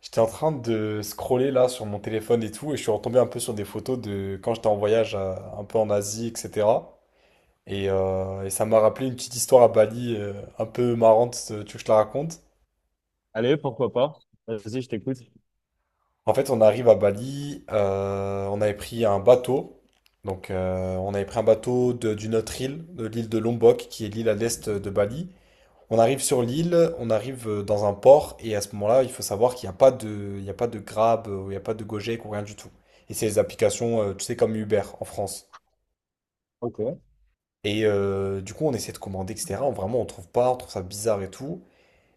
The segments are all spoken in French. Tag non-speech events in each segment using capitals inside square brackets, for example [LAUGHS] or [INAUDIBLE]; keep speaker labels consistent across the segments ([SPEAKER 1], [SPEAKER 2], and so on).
[SPEAKER 1] J'étais en train de scroller là sur mon téléphone et tout, et je suis retombé un peu sur des photos de quand j'étais en voyage un peu en Asie, etc. Et ça m'a rappelé une petite histoire à Bali un peu marrante, tu veux que je te la raconte?
[SPEAKER 2] Allez, pourquoi pas? Vas-y, je t'écoute.
[SPEAKER 1] En fait, on arrive à Bali, on avait pris un bateau, on avait pris un bateau d'une autre île, de l'île de Lombok, qui est l'île à l'est de Bali. On arrive sur l'île, on arrive dans un port, et à ce moment-là, il faut savoir qu'il n'y a pas de Grab, il n'y a pas de Gojek ou rien du tout. Et c'est les applications, tu sais, comme Uber en France.
[SPEAKER 2] Ok.
[SPEAKER 1] Du coup, on essaie de commander, etc. On trouve pas, on trouve ça bizarre et tout.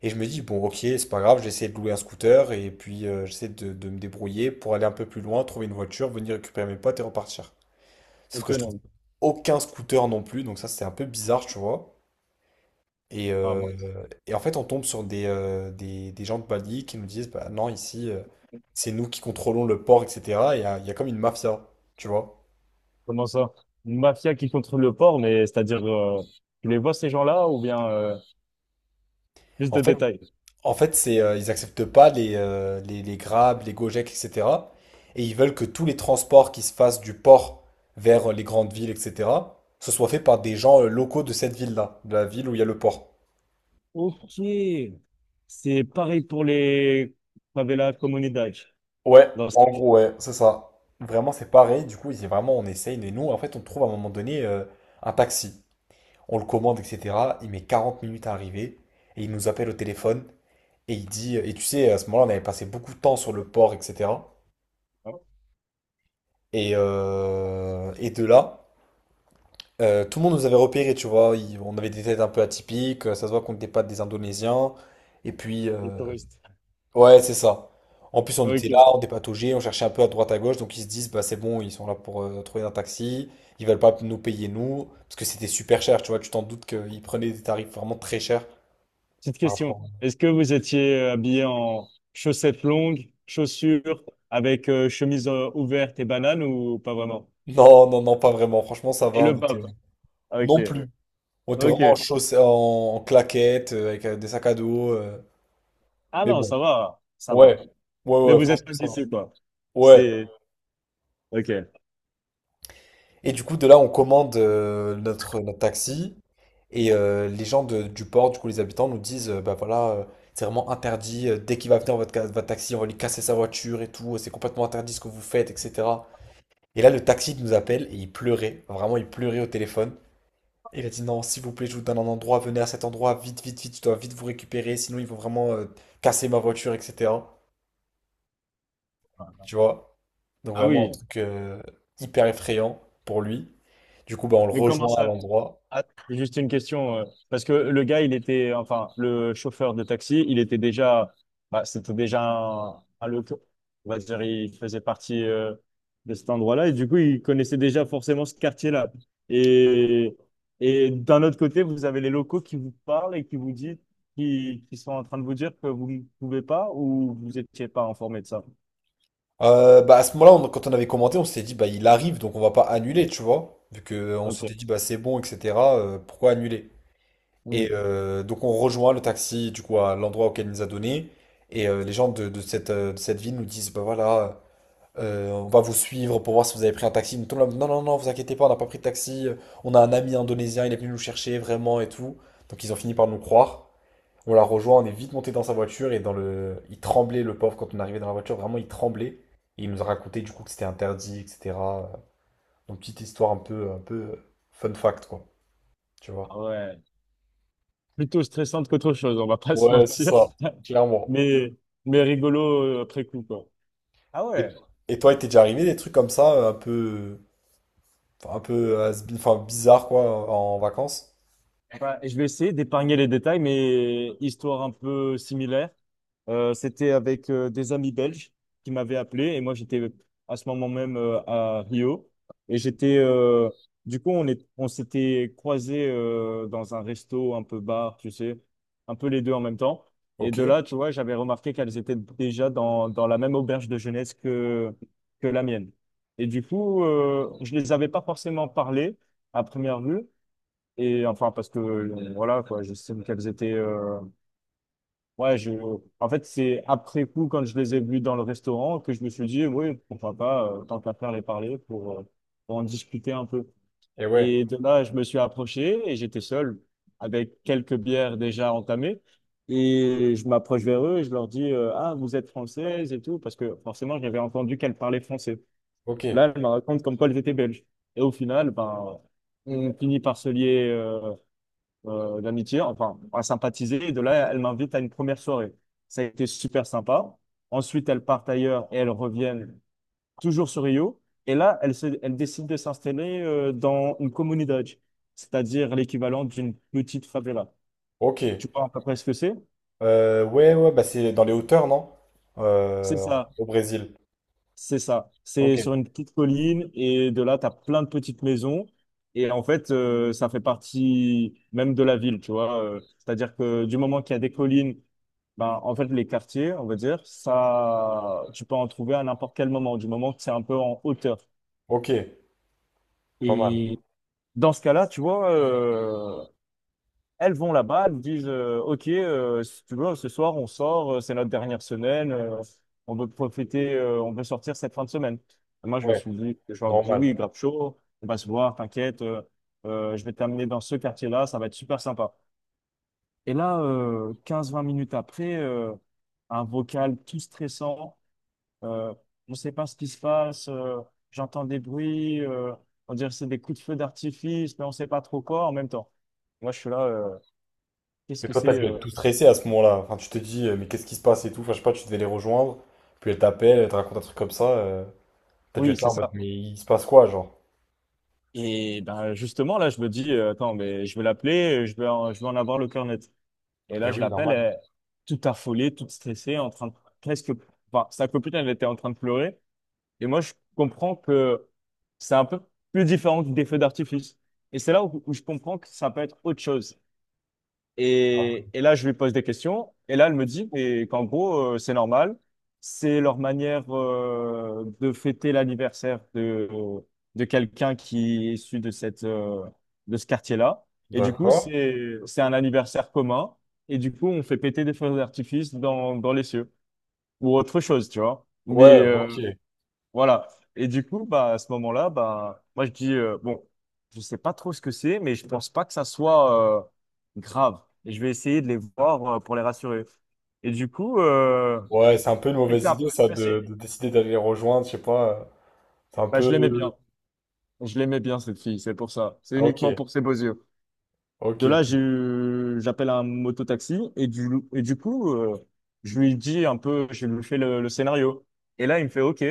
[SPEAKER 1] Et je me dis, bon, ok, c'est pas grave, j'essaie de louer un scooter, et puis j'essaie de me débrouiller pour aller un peu plus loin, trouver une voiture, venir récupérer mes potes et repartir. Sauf que je trouve
[SPEAKER 2] Autonome.
[SPEAKER 1] aucun scooter non plus, donc ça, c'est un peu bizarre, tu vois. Et,
[SPEAKER 2] Ah, ouais.
[SPEAKER 1] euh, et en fait, on tombe sur des gens de Bali qui nous disent, bah non, ici, c'est nous qui contrôlons le port, etc. Et il y a comme une mafia, tu vois.
[SPEAKER 2] Comment ça? Une mafia qui contrôle le port, mais c'est-à-dire, tu les vois ces gens-là ou bien plus
[SPEAKER 1] En
[SPEAKER 2] de
[SPEAKER 1] fait,
[SPEAKER 2] détails?
[SPEAKER 1] en fait, ils acceptent pas les Grab, les Gojek, etc. Et ils veulent que tous les transports qui se fassent du port vers les grandes villes, etc., ce soit fait par des gens locaux de cette ville-là, de la ville où il y a le port.
[SPEAKER 2] Ok. C'est pareil pour les favelas comunidades.
[SPEAKER 1] Ouais,
[SPEAKER 2] Non,
[SPEAKER 1] en gros, ouais, c'est ça. Vraiment, c'est pareil. Du coup, c'est vraiment, on essaye. Et nous, en fait, on trouve à un moment donné un taxi. On le commande, etc. Il met 40 minutes à arriver et il nous appelle au téléphone et il dit, et tu sais, à ce moment-là, on avait passé beaucoup de temps sur le port, etc.
[SPEAKER 2] hein,
[SPEAKER 1] Et de là, tout le monde nous avait repérés, tu vois. On avait des têtes un peu atypiques, ça se voit qu'on n'était pas des Indonésiens. Et puis,
[SPEAKER 2] les touristes.
[SPEAKER 1] ouais, c'est ça. En plus, on était là,
[SPEAKER 2] Ok.
[SPEAKER 1] on dépatouillait, on cherchait un peu à droite à gauche, donc ils se disent, bah c'est bon, ils sont là pour trouver un taxi, ils veulent pas nous payer nous, parce que c'était super cher, tu vois, tu t'en doutes qu'ils prenaient des tarifs vraiment très chers.
[SPEAKER 2] Petite question. Est-ce que vous étiez habillé en chaussettes longues, chaussures, avec chemise ouverte et banane ou pas vraiment?
[SPEAKER 1] Non, non, non, pas vraiment. Franchement, ça
[SPEAKER 2] Et
[SPEAKER 1] va.
[SPEAKER 2] le
[SPEAKER 1] On était...
[SPEAKER 2] bab. Ok.
[SPEAKER 1] Non plus. On était vraiment en
[SPEAKER 2] Ok.
[SPEAKER 1] chaussettes, en claquettes, avec des sacs à dos.
[SPEAKER 2] Ah
[SPEAKER 1] Mais
[SPEAKER 2] non,
[SPEAKER 1] bon,
[SPEAKER 2] ça va, ça va.
[SPEAKER 1] ouais. Ouais,
[SPEAKER 2] Mais
[SPEAKER 1] ouais,
[SPEAKER 2] vous êtes
[SPEAKER 1] franchement,
[SPEAKER 2] pas
[SPEAKER 1] ça va.
[SPEAKER 2] d'ici, quoi.
[SPEAKER 1] Ouais.
[SPEAKER 2] C'est... Ok.
[SPEAKER 1] Et du coup, de là, on commande notre taxi. Les gens du port, du coup, les habitants nous disent, bah voilà, c'est vraiment interdit, dès qu'il va venir votre taxi, on va lui casser sa voiture et tout. C'est complètement interdit ce que vous faites, etc. Et là, le taxi nous appelle et il pleurait. Vraiment, il pleurait au téléphone. Il a dit non, s'il vous plaît, je vous donne un endroit, venez à cet endroit, vite, vite, vite, je dois vite vous récupérer, sinon ils vont vraiment casser ma voiture, etc. Tu vois? Donc
[SPEAKER 2] Ah
[SPEAKER 1] vraiment un
[SPEAKER 2] oui,
[SPEAKER 1] truc hyper effrayant pour lui. Du coup, bah, on le
[SPEAKER 2] mais comment
[SPEAKER 1] rejoint à
[SPEAKER 2] ça?
[SPEAKER 1] l'endroit.
[SPEAKER 2] Ah, juste une question, parce que le gars, il était... Enfin, le chauffeur de taxi, il était déjà... Bah, c'était déjà on va dire, il faisait partie de cet endroit-là, et du coup, il connaissait déjà forcément ce quartier-là. Et, et d'un autre côté, vous avez les locaux qui vous parlent et qui vous disent... qui sont en train de vous dire que vous ne pouvez pas ou vous n'étiez pas informé de ça?
[SPEAKER 1] Bah, à ce moment-là, quand on avait commenté, on s'était dit, bah, il arrive, donc on va pas annuler, tu vois? Vu qu'on
[SPEAKER 2] Ok.
[SPEAKER 1] s'était dit, bah, c'est bon, etc., pourquoi annuler?
[SPEAKER 2] Hmm.
[SPEAKER 1] Donc on rejoint le taxi, du coup, à l'endroit auquel il nous a donné. Les gens de cette ville nous disent, bah voilà. On va vous suivre pour voir si vous avez pris un taxi. Mais tout le monde, non, non, non, vous inquiétez pas, on n'a pas pris de taxi. On a un ami indonésien, il est venu nous chercher vraiment et tout. Donc ils ont fini par nous croire. On l'a rejoint, on est vite monté dans sa voiture et dans le, il tremblait le pauvre quand on arrivait dans la voiture, vraiment il tremblait. Et il nous a raconté du coup que c'était interdit, etc. Donc petite histoire un peu fun fact quoi, tu vois.
[SPEAKER 2] Ah ouais. Plutôt stressante qu'autre chose, on va pas se
[SPEAKER 1] Ouais, c'est
[SPEAKER 2] mentir.
[SPEAKER 1] ça,
[SPEAKER 2] [LAUGHS]
[SPEAKER 1] clairement.
[SPEAKER 2] Mais, mais rigolo après coup, quoi. Ah
[SPEAKER 1] Et,
[SPEAKER 2] ouais.
[SPEAKER 1] et toi, il t'est déjà arrivé des trucs comme ça, enfin, un peu has-been, enfin bizarre quoi, en vacances?
[SPEAKER 2] Ouais, et je vais essayer d'épargner les détails, mais histoire un peu similaire. C'était avec des amis belges qui m'avaient appelé et moi j'étais à ce moment même à Rio. Et j'étais du coup on s'était croisés dans un resto un peu bar, tu sais, un peu les deux en même temps. Et
[SPEAKER 1] Ok.
[SPEAKER 2] de là, tu vois, j'avais remarqué qu'elles étaient déjà dans la même auberge de jeunesse que la mienne, et du coup je les avais pas forcément parlé à première vue. Et enfin, parce que voilà, quoi, j'estime qu'elles étaient. Ouais, je... En fait, c'est après coup, quand je les ai vues dans le restaurant, que je me suis dit, oui, pourquoi pas, tant qu'à faire les parler pour en discuter un peu.
[SPEAKER 1] Et ouais.
[SPEAKER 2] Et de là, je me suis approché et j'étais seul, avec quelques bières déjà entamées. Et je m'approche vers eux et je leur dis, ah, vous êtes française et tout, parce que forcément, j'avais entendu qu'elles parlaient français.
[SPEAKER 1] Ok,
[SPEAKER 2] Là, elles me racontent comme quoi elles étaient belges. Et au final, ben, on finit par se lier. D'amitié, enfin, à sympathiser. Et de là, elle m'invite à une première soirée. Ça a été super sympa. Ensuite, elles partent ailleurs et elles reviennent toujours sur Rio. Et là, elles, elles décident de s'installer dans une comunidad, c'est-à-dire l'équivalent d'une petite favela.
[SPEAKER 1] ok.
[SPEAKER 2] Tu vois à peu près ce que c'est?
[SPEAKER 1] Ouais, ouais, bah c'est dans les hauteurs, non?
[SPEAKER 2] C'est
[SPEAKER 1] Euh,
[SPEAKER 2] ça.
[SPEAKER 1] au Brésil.
[SPEAKER 2] C'est ça. C'est
[SPEAKER 1] Ok,
[SPEAKER 2] sur une petite colline et de là, tu as plein de petites maisons. Et en fait, ça fait partie même de la ville, tu vois. C'est-à-dire que du moment qu'il y a des collines, ben, en fait, les quartiers, on va dire, ça, tu peux en trouver à n'importe quel moment, du moment que c'est un peu en hauteur.
[SPEAKER 1] ok, pas mal.
[SPEAKER 2] Et dans ce cas-là, tu vois, elles vont là-bas, elles nous disent OK, si tu veux, ce soir on sort, c'est notre dernière semaine, on veut profiter, on veut sortir cette fin de semaine. Et moi, je me
[SPEAKER 1] Ouais,
[SPEAKER 2] suis dit, je leur dis
[SPEAKER 1] normal.
[SPEAKER 2] oui, grave chaud, on va se voir, t'inquiète, je vais t'amener dans ce quartier-là, ça va être super sympa. Et là, 15-20 minutes après, un vocal tout stressant, euh, on ne sait pas ce qui se passe, j'entends des bruits, on dirait que c'est des coups de feu d'artifice, mais on ne sait pas trop quoi en même temps. Moi, je suis là. Qu'est-ce
[SPEAKER 1] Et
[SPEAKER 2] que
[SPEAKER 1] toi, t'as
[SPEAKER 2] c'est?
[SPEAKER 1] dû être tout stressé à ce moment-là. Enfin, tu te dis, mais qu'est-ce qui se passe et tout. Enfin, je sais pas, tu devais les rejoindre. Puis elle t'appelle, elle te raconte un truc comme ça. T'as dû
[SPEAKER 2] Oui,
[SPEAKER 1] être là
[SPEAKER 2] c'est
[SPEAKER 1] en mode,
[SPEAKER 2] ça.
[SPEAKER 1] mais il se passe quoi, genre?
[SPEAKER 2] Et ben justement, là, je me dis, attends, mais je vais l'appeler, je vais en avoir le cœur net. Et
[SPEAKER 1] Eh
[SPEAKER 2] là, je
[SPEAKER 1] oui,
[SPEAKER 2] l'appelle,
[SPEAKER 1] normal.
[SPEAKER 2] elle est toute affolée, toute stressée, en train de presque, enfin, sa copine, elle était en train de pleurer. Et moi, je comprends que c'est un peu plus différent que des feux d'artifice. Et c'est là où, où je comprends que ça peut être autre chose. Et là, je lui pose des questions. Et là, elle me dit mais qu'en gros, c'est normal. C'est leur manière de fêter l'anniversaire de quelqu'un qui est issu de cette, de ce quartier-là. Et du coup,
[SPEAKER 1] D'accord.
[SPEAKER 2] c'est un anniversaire commun. Et du coup, on fait péter des feux d'artifice dans, dans les cieux ou autre chose, tu vois.
[SPEAKER 1] Ouais,
[SPEAKER 2] Mais,
[SPEAKER 1] ok.
[SPEAKER 2] voilà. Et du coup, bah, à ce moment-là, bah, moi, je dis, bon, je sais pas trop ce que c'est, mais je pense pas que ça soit grave. Et je vais essayer de les voir pour les rassurer. Et du coup,
[SPEAKER 1] Ouais, c'est un peu une
[SPEAKER 2] j'étais
[SPEAKER 1] mauvaise
[SPEAKER 2] un peu
[SPEAKER 1] idée, ça,
[SPEAKER 2] stressé.
[SPEAKER 1] de décider d'aller les rejoindre, je sais pas. C'est un
[SPEAKER 2] Bah, je l'aimais
[SPEAKER 1] peu.
[SPEAKER 2] bien. Je l'aimais bien, cette fille, c'est pour ça. C'est
[SPEAKER 1] Ok,
[SPEAKER 2] uniquement pour ses beaux yeux.
[SPEAKER 1] ok,
[SPEAKER 2] De là,
[SPEAKER 1] ok.
[SPEAKER 2] j'appelle un mototaxi et du coup, je lui dis un peu, je lui fais le scénario. Et là, il me fait, OK,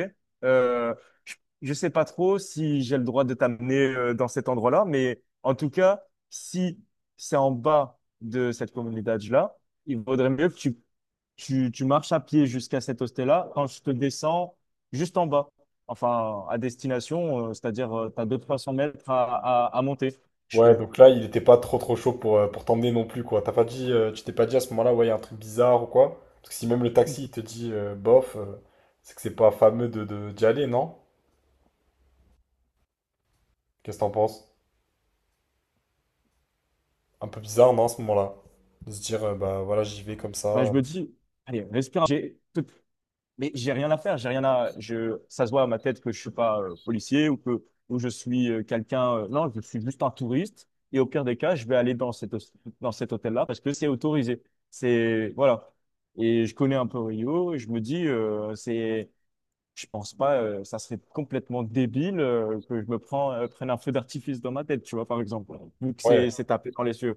[SPEAKER 2] euh, je, je sais pas trop si j'ai le droit de t'amener dans cet endroit-là, mais en tout cas, si c'est en bas de cette communauté-là, il vaudrait mieux que tu marches à pied jusqu'à cet hostel-là quand je te descends juste en bas. Enfin, à destination, c'est-à-dire, tu as 200-300 mètres à monter. Je
[SPEAKER 1] Ouais,
[SPEAKER 2] fais.
[SPEAKER 1] donc là, il était pas trop trop chaud pour t'emmener non plus, quoi. T'as pas dit, tu t'es pas dit à ce moment-là, ouais, il y a un truc bizarre ou quoi? Parce que si même le taxi, il te dit, bof, c'est que c'est pas fameux d'y aller, non? Qu'est-ce que t'en penses? Un peu bizarre, non, à ce moment-là? De se dire, bah voilà, j'y vais comme
[SPEAKER 2] Bah, je
[SPEAKER 1] ça.
[SPEAKER 2] me dis, allez, respire. Mais j'ai rien à faire, j'ai rien à. Je, ça se voit à ma tête que je suis pas policier ou que ou je suis quelqu'un. Non, je suis juste un touriste. Et au pire des cas, je vais aller dans cette, dans cet hôtel-là parce que c'est autorisé. C'est voilà. Et je connais un peu Rio et je me dis, c'est, je pense pas, ça serait complètement débile que je me prends, prenne un feu d'artifice dans ma tête, tu vois, par exemple, vu que
[SPEAKER 1] Ouais,
[SPEAKER 2] c'est
[SPEAKER 1] tout
[SPEAKER 2] c'est tapé dans les yeux.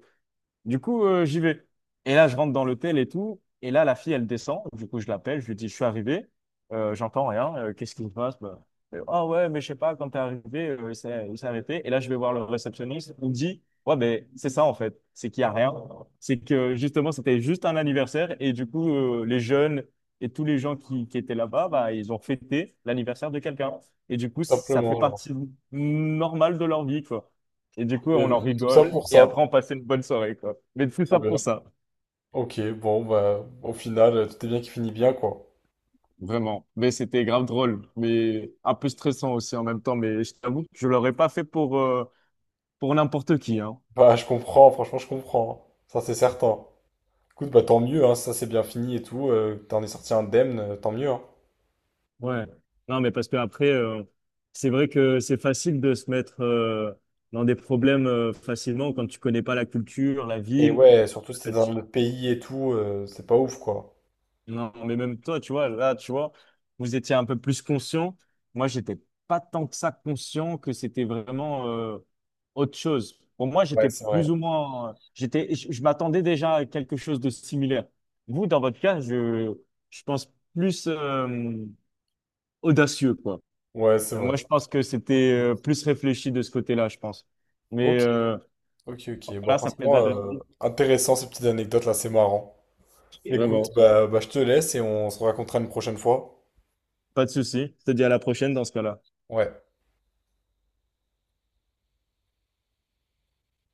[SPEAKER 2] Du coup, j'y vais. Et là, je rentre dans l'hôtel et tout. Et là, la fille, elle descend. Du coup, je l'appelle. Je lui dis, je suis arrivé. J'entends rien. Qu'est-ce qui se passe? Bah, ah ouais, mais je sais pas, quand t'es arrivé, il s'est arrêté. Et là, je vais voir le réceptionniste. Il me dit, ouais, ben, c'est ça, en fait. C'est qu'il y a rien. C'est que, justement, c'était juste un anniversaire. Et du coup, les jeunes et tous les gens qui étaient là-bas, bah, ils ont fêté l'anniversaire de quelqu'un. Et du coup, ça fait
[SPEAKER 1] simplement, genre.
[SPEAKER 2] partie normale de leur vie, quoi. Et du coup,
[SPEAKER 1] Et
[SPEAKER 2] on
[SPEAKER 1] donc,
[SPEAKER 2] en
[SPEAKER 1] tout ça
[SPEAKER 2] rigole.
[SPEAKER 1] pour
[SPEAKER 2] Et
[SPEAKER 1] ça.
[SPEAKER 2] après, on passait une bonne soirée, quoi. Mais tout
[SPEAKER 1] Trop
[SPEAKER 2] ça
[SPEAKER 1] bien.
[SPEAKER 2] pour ça,
[SPEAKER 1] Ok, bon, bah, au final, tout est bien qui finit bien, quoi.
[SPEAKER 2] vraiment. Mais c'était grave drôle, mais un peu stressant aussi en même temps. Mais je t'avoue que je l'aurais pas fait pour n'importe qui, hein.
[SPEAKER 1] Bah, je comprends, franchement, je comprends. Ça, c'est certain. Écoute, bah, tant mieux, hein, si ça, c'est bien fini et tout. T'en es sorti indemne, tant mieux, hein.
[SPEAKER 2] Ouais. Non, mais parce que après, c'est vrai que c'est facile de se mettre dans des problèmes facilement quand tu connais pas la culture, la
[SPEAKER 1] Et
[SPEAKER 2] ville.
[SPEAKER 1] ouais, surtout si t'es dans notre pays et tout, c'est pas ouf quoi.
[SPEAKER 2] Non, mais même toi, tu vois, là, tu vois, vous étiez un peu plus conscient. Moi, j'étais pas tant que ça conscient que c'était vraiment autre chose. Pour moi,
[SPEAKER 1] Ouais,
[SPEAKER 2] j'étais
[SPEAKER 1] c'est vrai.
[SPEAKER 2] plus ou moins, j'étais, je m'attendais déjà à quelque chose de similaire. Vous, dans votre cas, je pense plus audacieux, quoi.
[SPEAKER 1] Ouais, c'est
[SPEAKER 2] Euh,
[SPEAKER 1] vrai.
[SPEAKER 2] Moi, je pense que c'était plus réfléchi de ce côté-là, je pense. Mais
[SPEAKER 1] Ok, ok, ok. Bon,
[SPEAKER 2] voilà, ça me fait de
[SPEAKER 1] franchement,
[SPEAKER 2] la.
[SPEAKER 1] intéressant ces petites anecdotes là, c'est marrant. Écoute,
[SPEAKER 2] Vraiment.
[SPEAKER 1] bah je te laisse et on se racontera une prochaine fois.
[SPEAKER 2] Pas de souci. Je te dis à la prochaine dans ce cas-là.
[SPEAKER 1] Ouais.